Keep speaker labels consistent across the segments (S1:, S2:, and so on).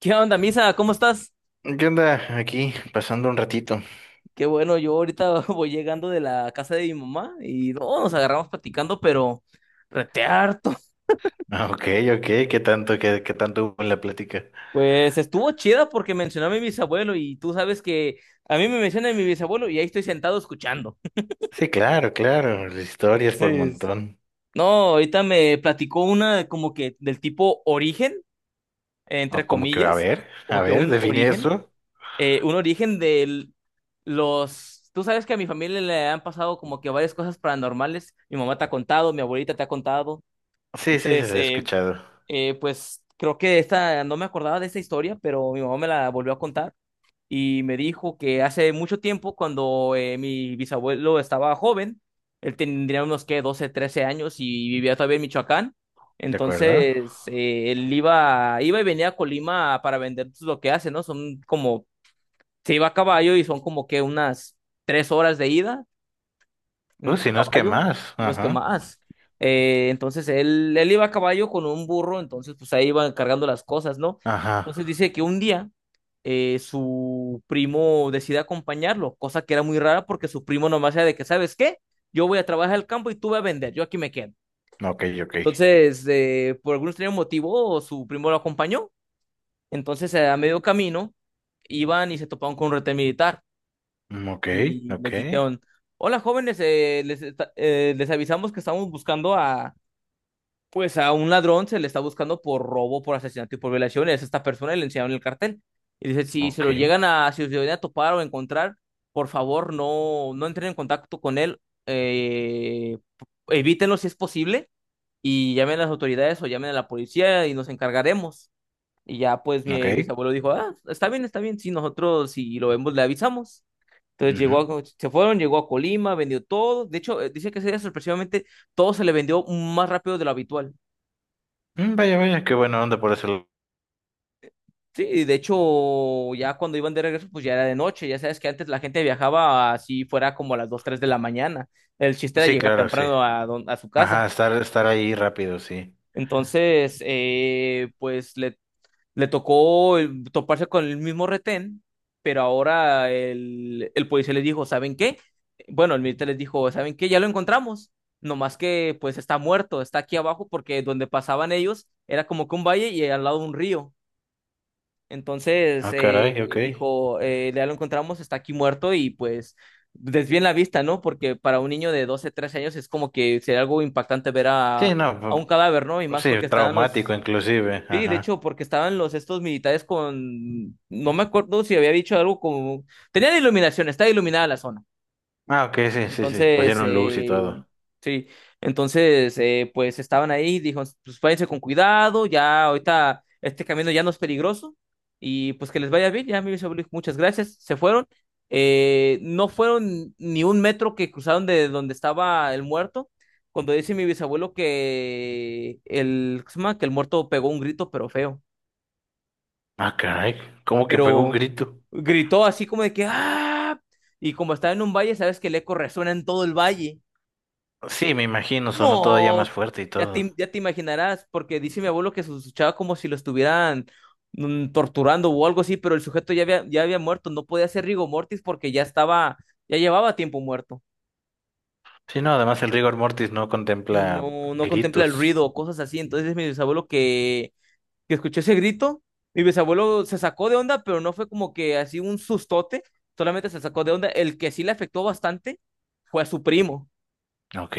S1: ¿Qué onda, Misa? ¿Cómo estás?
S2: ¿Qué onda? Aquí, pasando un ratito.
S1: Qué bueno, yo ahorita voy llegando de la casa de mi mamá y no, nos agarramos platicando, pero rete harto.
S2: Ah, ok, ok, ¿qué tanto, qué, qué tanto hubo en la plática?
S1: Pues estuvo chida porque mencionó a mi bisabuelo y tú sabes que a mí me mencionan mi bisabuelo y ahí estoy sentado escuchando.
S2: Sí, claro, claro, historias por
S1: Sí.
S2: montón.
S1: No, ahorita me platicó una como que del tipo origen,
S2: O
S1: entre
S2: como que,
S1: comillas,
S2: a
S1: como que
S2: ver,
S1: un
S2: define
S1: origen.
S2: eso.
S1: Un origen de los. Tú sabes que a mi familia le han pasado como que varias cosas paranormales. Mi mamá te ha contado, mi abuelita te ha contado.
S2: Sí, sí, sí, se
S1: Entonces,
S2: lo he escuchado.
S1: pues creo que esta, no me acordaba de esta historia, pero mi mamá me la volvió a contar y me dijo que hace mucho tiempo, cuando mi bisabuelo estaba joven, él tendría unos que 12 13 años y vivía todavía en Michoacán.
S2: ¿De acuerdo?
S1: Entonces, él iba y venía a Colima para vender pues, lo que hace, ¿no? Son como se iba a caballo y son como que unas 3 horas de ida, a
S2: Si no es que
S1: caballo,
S2: más.
S1: y no es que
S2: Ajá,
S1: más. Entonces él iba a caballo con un burro, entonces pues ahí iban cargando las cosas, ¿no?
S2: ajá.
S1: Entonces dice que un día su primo decide acompañarlo, cosa que era muy rara porque su primo nomás era de que, ¿sabes qué? Yo voy a trabajar al campo y tú vas a vender, yo aquí me quedo.
S2: Ok, ok.
S1: Entonces, por algún extraño motivo, su primo lo acompañó. Entonces, a medio camino, iban y se toparon con un retén militar.
S2: Mm, ok,
S1: Y
S2: ok,
S1: les dijeron, hola jóvenes, les avisamos que estamos buscando a, pues a un ladrón, se le está buscando por robo, por asesinato y por violación, es esta persona y le enseñaron el cartel. Y dice, si se lo
S2: ok,
S1: llegan a, si se lo llegan a topar o encontrar, por favor no, no entren en contacto con él, evítenlo si es posible y llamen a las autoridades o llamen a la policía y nos encargaremos. Y ya pues
S2: ok.
S1: mi bisabuelo dijo, ah, está bien, si nosotros si lo vemos le avisamos. Entonces
S2: Ujú.
S1: se fueron, llegó a Colima, vendió todo. De hecho, dice que ese día sorpresivamente todo se le vendió más rápido de lo habitual.
S2: Vaya, vaya, qué buena onda por eso.
S1: Sí, y de hecho, ya cuando iban de regreso, pues ya era de noche. Ya sabes que antes la gente viajaba así fuera como a las 2 3 de la mañana. El chiste era
S2: Sí,
S1: llegar
S2: claro, sí.
S1: temprano a, a su casa.
S2: Ajá, estar, estar ahí rápido, sí.
S1: Entonces, pues le tocó toparse con el mismo retén, pero ahora el policía les dijo, ¿saben qué? Bueno, el militar les dijo, ¿saben qué? Ya lo encontramos. No más que pues está muerto, está aquí abajo porque donde pasaban ellos era como que un valle y al lado un río. Entonces
S2: Ah, caray, ok.
S1: dijo, ya lo encontramos, está aquí muerto y pues desvíen la vista, ¿no? Porque para un niño de 12 13 años es como que sería algo impactante ver
S2: Sí, no.
S1: a un cadáver, ¿no? Y más
S2: Sí,
S1: porque estaban los.
S2: traumático inclusive,
S1: Sí, de
S2: ajá.
S1: hecho, porque estaban los estos militares con, no me acuerdo si había dicho algo como, tenían iluminación, estaba iluminada la zona.
S2: Ah, ok, sí, sí, sí,
S1: Entonces,
S2: pusieron luz y
S1: eh,
S2: todo.
S1: sí, entonces, pues estaban ahí, dijo, pues váyanse con cuidado, ya ahorita este camino ya no es peligroso y pues que les vaya bien, ya mi bisabuelo, muchas gracias, se fueron. No fueron ni un metro que cruzaron de donde estaba el muerto cuando dice mi bisabuelo que el, ¿cómo se llama?, que el muerto pegó un grito, pero feo.
S2: Ah, caray, ¿cómo que pegó un
S1: Pero
S2: grito?
S1: gritó así como de que ¡ah! Y como estaba en un valle, sabes que el eco resuena en todo el valle.
S2: Sí, me imagino, sonó todavía más
S1: No,
S2: fuerte y todo.
S1: ya te imaginarás, porque dice mi abuelo que se escuchaba como si lo estuvieran, torturando o algo así, pero el sujeto ya había muerto, no podía ser rigor mortis porque ya estaba, ya llevaba tiempo muerto.
S2: Sí, no, además el rigor mortis no contempla
S1: No, no contempla el
S2: gritos.
S1: ruido o cosas así. Entonces mi bisabuelo que escuchó ese grito. Mi bisabuelo se sacó de onda, pero no fue como que así un sustote, solamente se sacó de onda. El que sí le afectó bastante fue a su primo.
S2: Ok.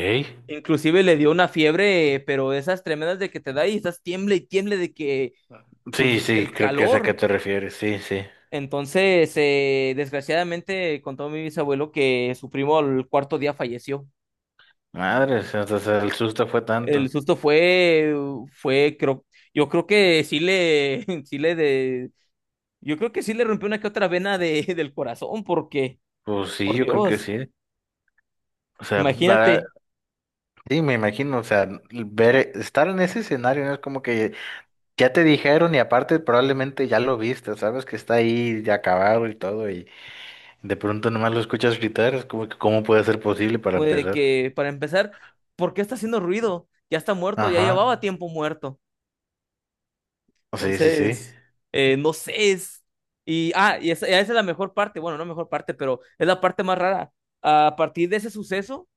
S1: Inclusive le dio una fiebre, pero de esas tremendas de que te da y estás tiemble y tiemble de que,
S2: Sí,
S1: pues,
S2: sí,
S1: del
S2: creo que es a qué
S1: calor.
S2: te refieres, sí, sí.
S1: Entonces, desgraciadamente contó mi bisabuelo que su primo al cuarto día falleció.
S2: Madres, o sea, el susto fue
S1: El
S2: tanto.
S1: susto fue, creo, yo creo que sí le, sí le de- yo creo que sí le rompió una que otra vena de, del corazón, porque,
S2: Pues sí,
S1: por
S2: yo creo que
S1: Dios,
S2: sí. O sea, para...
S1: imagínate
S2: sí, me imagino, o sea, ver, estar en ese escenario no es como que ya te dijeron y aparte probablemente ya lo viste, sabes que está ahí ya acabado y todo y de pronto nomás lo escuchas gritar, es como que cómo puede ser posible para empezar.
S1: que para empezar, ¿por qué está haciendo ruido? Ya está muerto, ya
S2: Ajá.
S1: llevaba tiempo muerto.
S2: Sí, sí, sí.
S1: Entonces, no sé, es. Y, ah, y esa es la mejor parte, bueno, no mejor parte, pero es la parte más rara. A partir de ese suceso,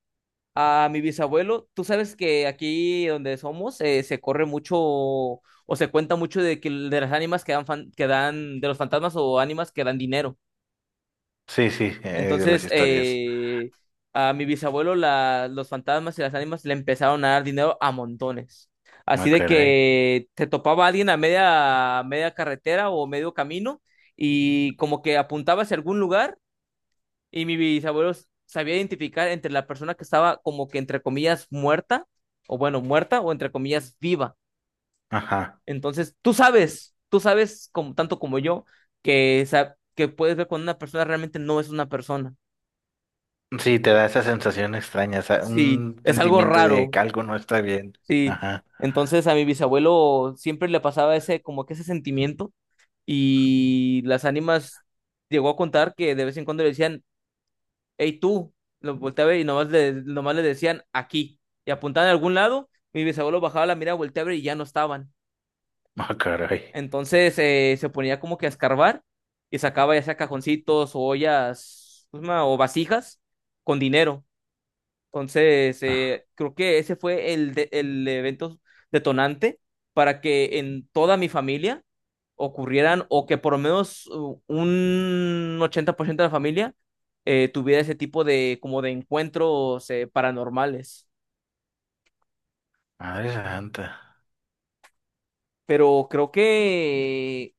S1: a mi bisabuelo, tú sabes que aquí donde somos se corre mucho o se cuenta mucho de que de las ánimas que dan, que dan, de los fantasmas o ánimas que dan dinero.
S2: Sí, sí, de las
S1: Entonces,
S2: historias.
S1: a mi bisabuelo los fantasmas y las ánimas le empezaron a dar dinero a montones. Así
S2: Ah,
S1: de
S2: caray.
S1: que te topaba alguien a media carretera o medio camino y como que apuntaba hacia algún lugar y mi bisabuelo sabía identificar entre la persona que estaba como que entre comillas muerta o bueno, muerta o entre comillas viva.
S2: Ajá.
S1: Entonces, tú sabes como, tanto como yo que, que puedes ver cuando una persona realmente no es una persona.
S2: Sí, te da esa sensación extraña, esa-
S1: Sí,
S2: un
S1: es algo
S2: sentimiento de
S1: raro,
S2: que algo no está bien.
S1: sí.
S2: Ajá.
S1: Entonces a mi bisabuelo siempre le pasaba ese, como que ese sentimiento y las ánimas llegó a contar que de vez en cuando le decían, hey tú, lo volteaba y nomás le decían aquí y apuntaban a algún lado, mi bisabuelo bajaba la mirada, volteaba y ya no estaban.
S2: Ah, caray.
S1: Entonces se ponía como que a escarbar y sacaba ya sea cajoncitos o ollas, ¿cómo se llama?, o vasijas con dinero. Entonces,
S2: Ah,
S1: creo que ese fue el, el evento detonante para que en toda mi familia ocurrieran o que por lo menos un 80% de la familia tuviera ese tipo de como de encuentros paranormales.
S2: madre santa.
S1: Pero creo que,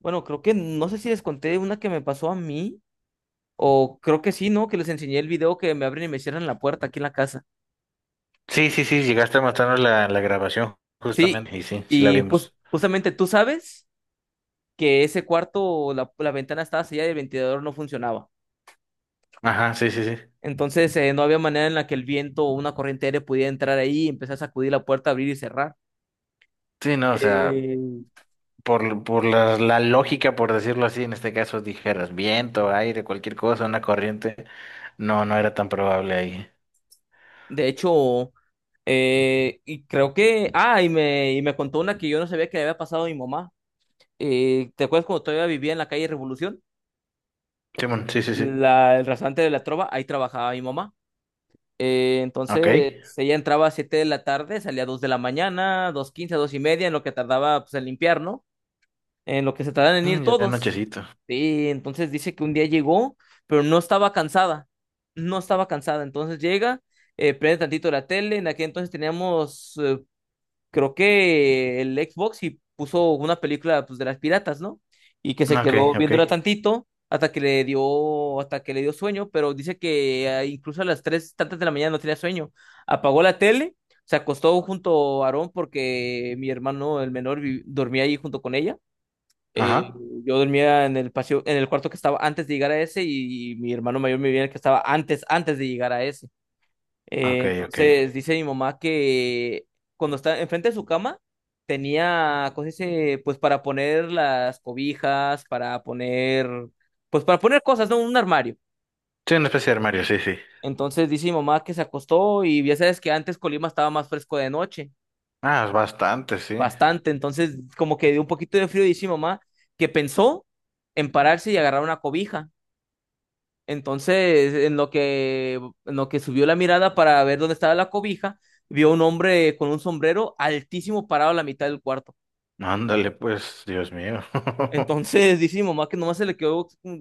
S1: bueno, creo que no sé si les conté una que me pasó a mí o creo que sí, ¿no? Que les enseñé el video que me abren y me cierran la puerta aquí en la casa.
S2: Sí, sí, sí, llegaste a mostrarnos la, la grabación
S1: Sí,
S2: justamente y sí, sí la
S1: y
S2: vimos.
S1: justamente tú sabes que ese cuarto, la ventana estaba sellada y el ventilador no funcionaba.
S2: Ajá, sí, sí, sí.
S1: Entonces, no había manera en la que el viento o una corriente aérea pudiera entrar ahí y empezar a sacudir la puerta, abrir y cerrar.
S2: Sí, no, o sea...
S1: Eh,
S2: Por la, la lógica, por decirlo así, en este caso dijeras viento, aire, cualquier cosa, una corriente. No, no era tan probable ahí.
S1: de hecho, y creo que, ah, y me contó una que yo no sabía que le había pasado a mi mamá. ¿Te acuerdas cuando todavía vivía en la calle Revolución?
S2: Simón, sí, sí, sí.
S1: La, el restaurante de la Trova, ahí trabajaba mi mamá. Eh,
S2: Ok.
S1: entonces, ella entraba a 7 de la tarde, salía a 2 de la mañana, 2:15, 2:30, en lo que tardaba pues, en limpiar, ¿no?, en lo que se tardan en
S2: Mm,
S1: ir
S2: ya
S1: todos.
S2: nochecito.
S1: Sí, entonces dice que un día llegó, pero no estaba cansada, no estaba cansada. Entonces llega, prende tantito la tele, en aquel entonces teníamos, creo que el Xbox y puso una película pues, de las piratas, ¿no? Y que se
S2: Ok,
S1: quedó
S2: ok.
S1: viéndola tantito hasta que le dio, hasta que le dio sueño, pero dice que incluso a las tres tantas de la mañana no tenía sueño. Apagó la tele, se acostó junto a Aarón porque mi hermano, el menor, dormía ahí junto con ella. Eh,
S2: Ajá.
S1: yo dormía en el paseo, en el cuarto que estaba antes de llegar a ese y, mi hermano mayor vivía en el que estaba antes, antes de llegar a ese. Eh,
S2: Ok, ok.
S1: entonces dice mi mamá que cuando estaba enfrente de su cama tenía cosas, pues para poner las cobijas, para poner, pues para poner cosas, ¿no?, un armario.
S2: Sí, una especie de armario, sí, sí.
S1: Entonces dice mi mamá que se acostó y ya sabes que antes Colima estaba más fresco de noche,
S2: Ah, es bastante, sí.
S1: bastante. Entonces como que dio un poquito de frío y dice mi mamá que pensó en pararse y agarrar una cobija. Entonces, en lo que subió la mirada para ver dónde estaba la cobija, vio un hombre con un sombrero altísimo parado a la mitad del cuarto.
S2: Ándale, pues, Dios mío.
S1: Entonces, dice mi mamá que nomás se le quedó. mm,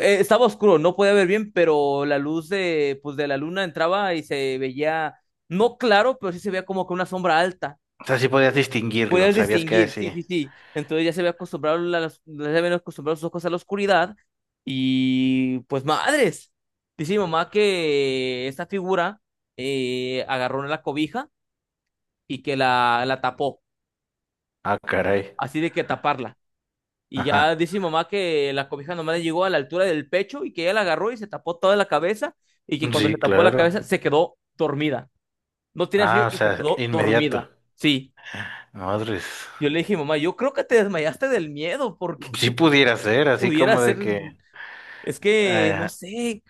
S1: eh, Estaba oscuro, no podía ver bien, pero la luz de, pues, de la luna entraba y se veía, no claro, pero sí se veía como que una sombra alta.
S2: O sea, sí podías distinguirlo,
S1: Puedes
S2: sabías que
S1: distinguir,
S2: así.
S1: sí, sí, sí. Entonces ya se ve acostumbrado, ya se ven acostumbrados sus ojos a la oscuridad. Y pues madres. Dice mi mamá que esta figura agarró una la cobija y que la tapó.
S2: Ah, caray.
S1: Así de que taparla. Y ya
S2: Ajá.
S1: dice mi mamá que la cobija nomás le llegó a la altura del pecho y que ella la agarró y se tapó toda la cabeza. Y que cuando se
S2: Sí,
S1: tapó la
S2: claro.
S1: cabeza se quedó dormida. No tiene sueño
S2: Ah, o
S1: y se
S2: sea,
S1: quedó
S2: inmediato.
S1: dormida. Sí.
S2: Madres.
S1: Yo le dije, mamá, yo creo que te desmayaste del miedo, porque
S2: Sí pudiera ser, así
S1: pudiera
S2: como
S1: ser.
S2: de que,
S1: Es que no
S2: eh,
S1: sé.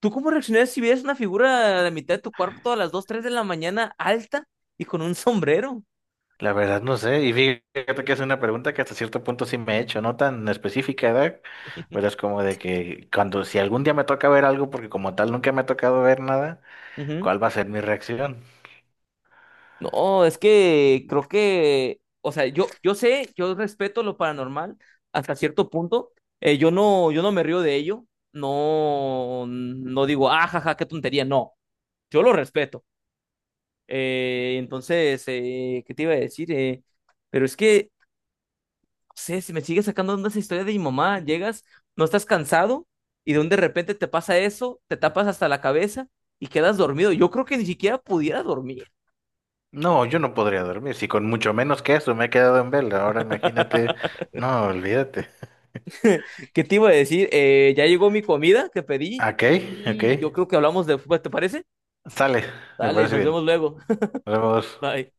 S1: ¿Tú cómo reaccionarías si vieras una figura a la mitad de tu cuarto a las 2 3 de la mañana alta y con un sombrero?
S2: la verdad no sé, y fíjate que es una pregunta que hasta cierto punto sí me he hecho, no tan específica, ¿verdad? Pero es como de que cuando, si algún día me toca ver algo, porque como tal nunca me ha tocado ver nada,
S1: Ujú.
S2: ¿cuál va a ser mi reacción?
S1: No, es que creo que, o sea, yo sé, yo respeto lo paranormal hasta cierto punto. Yo no, yo no me río de ello. No, no digo, ah, jaja, qué tontería. No, yo lo respeto. ¿Qué te iba a decir? Pero es que sé, si me sigue sacando onda esa historia de mi mamá, llegas, no estás cansado y de un de repente te pasa eso, te tapas hasta la cabeza y quedas dormido. Yo creo que ni siquiera pudiera dormir.
S2: No, yo no podría dormir, si con mucho menos que eso me he quedado en vela, ahora imagínate, no, olvídate.
S1: ¿Qué te iba a decir? Ya llegó mi comida que pedí
S2: Ok, ok,
S1: y yo creo que hablamos después, ¿te parece?
S2: sale, me
S1: Dale,
S2: parece
S1: nos vemos
S2: bien.
S1: luego.
S2: Nos vemos.
S1: Bye.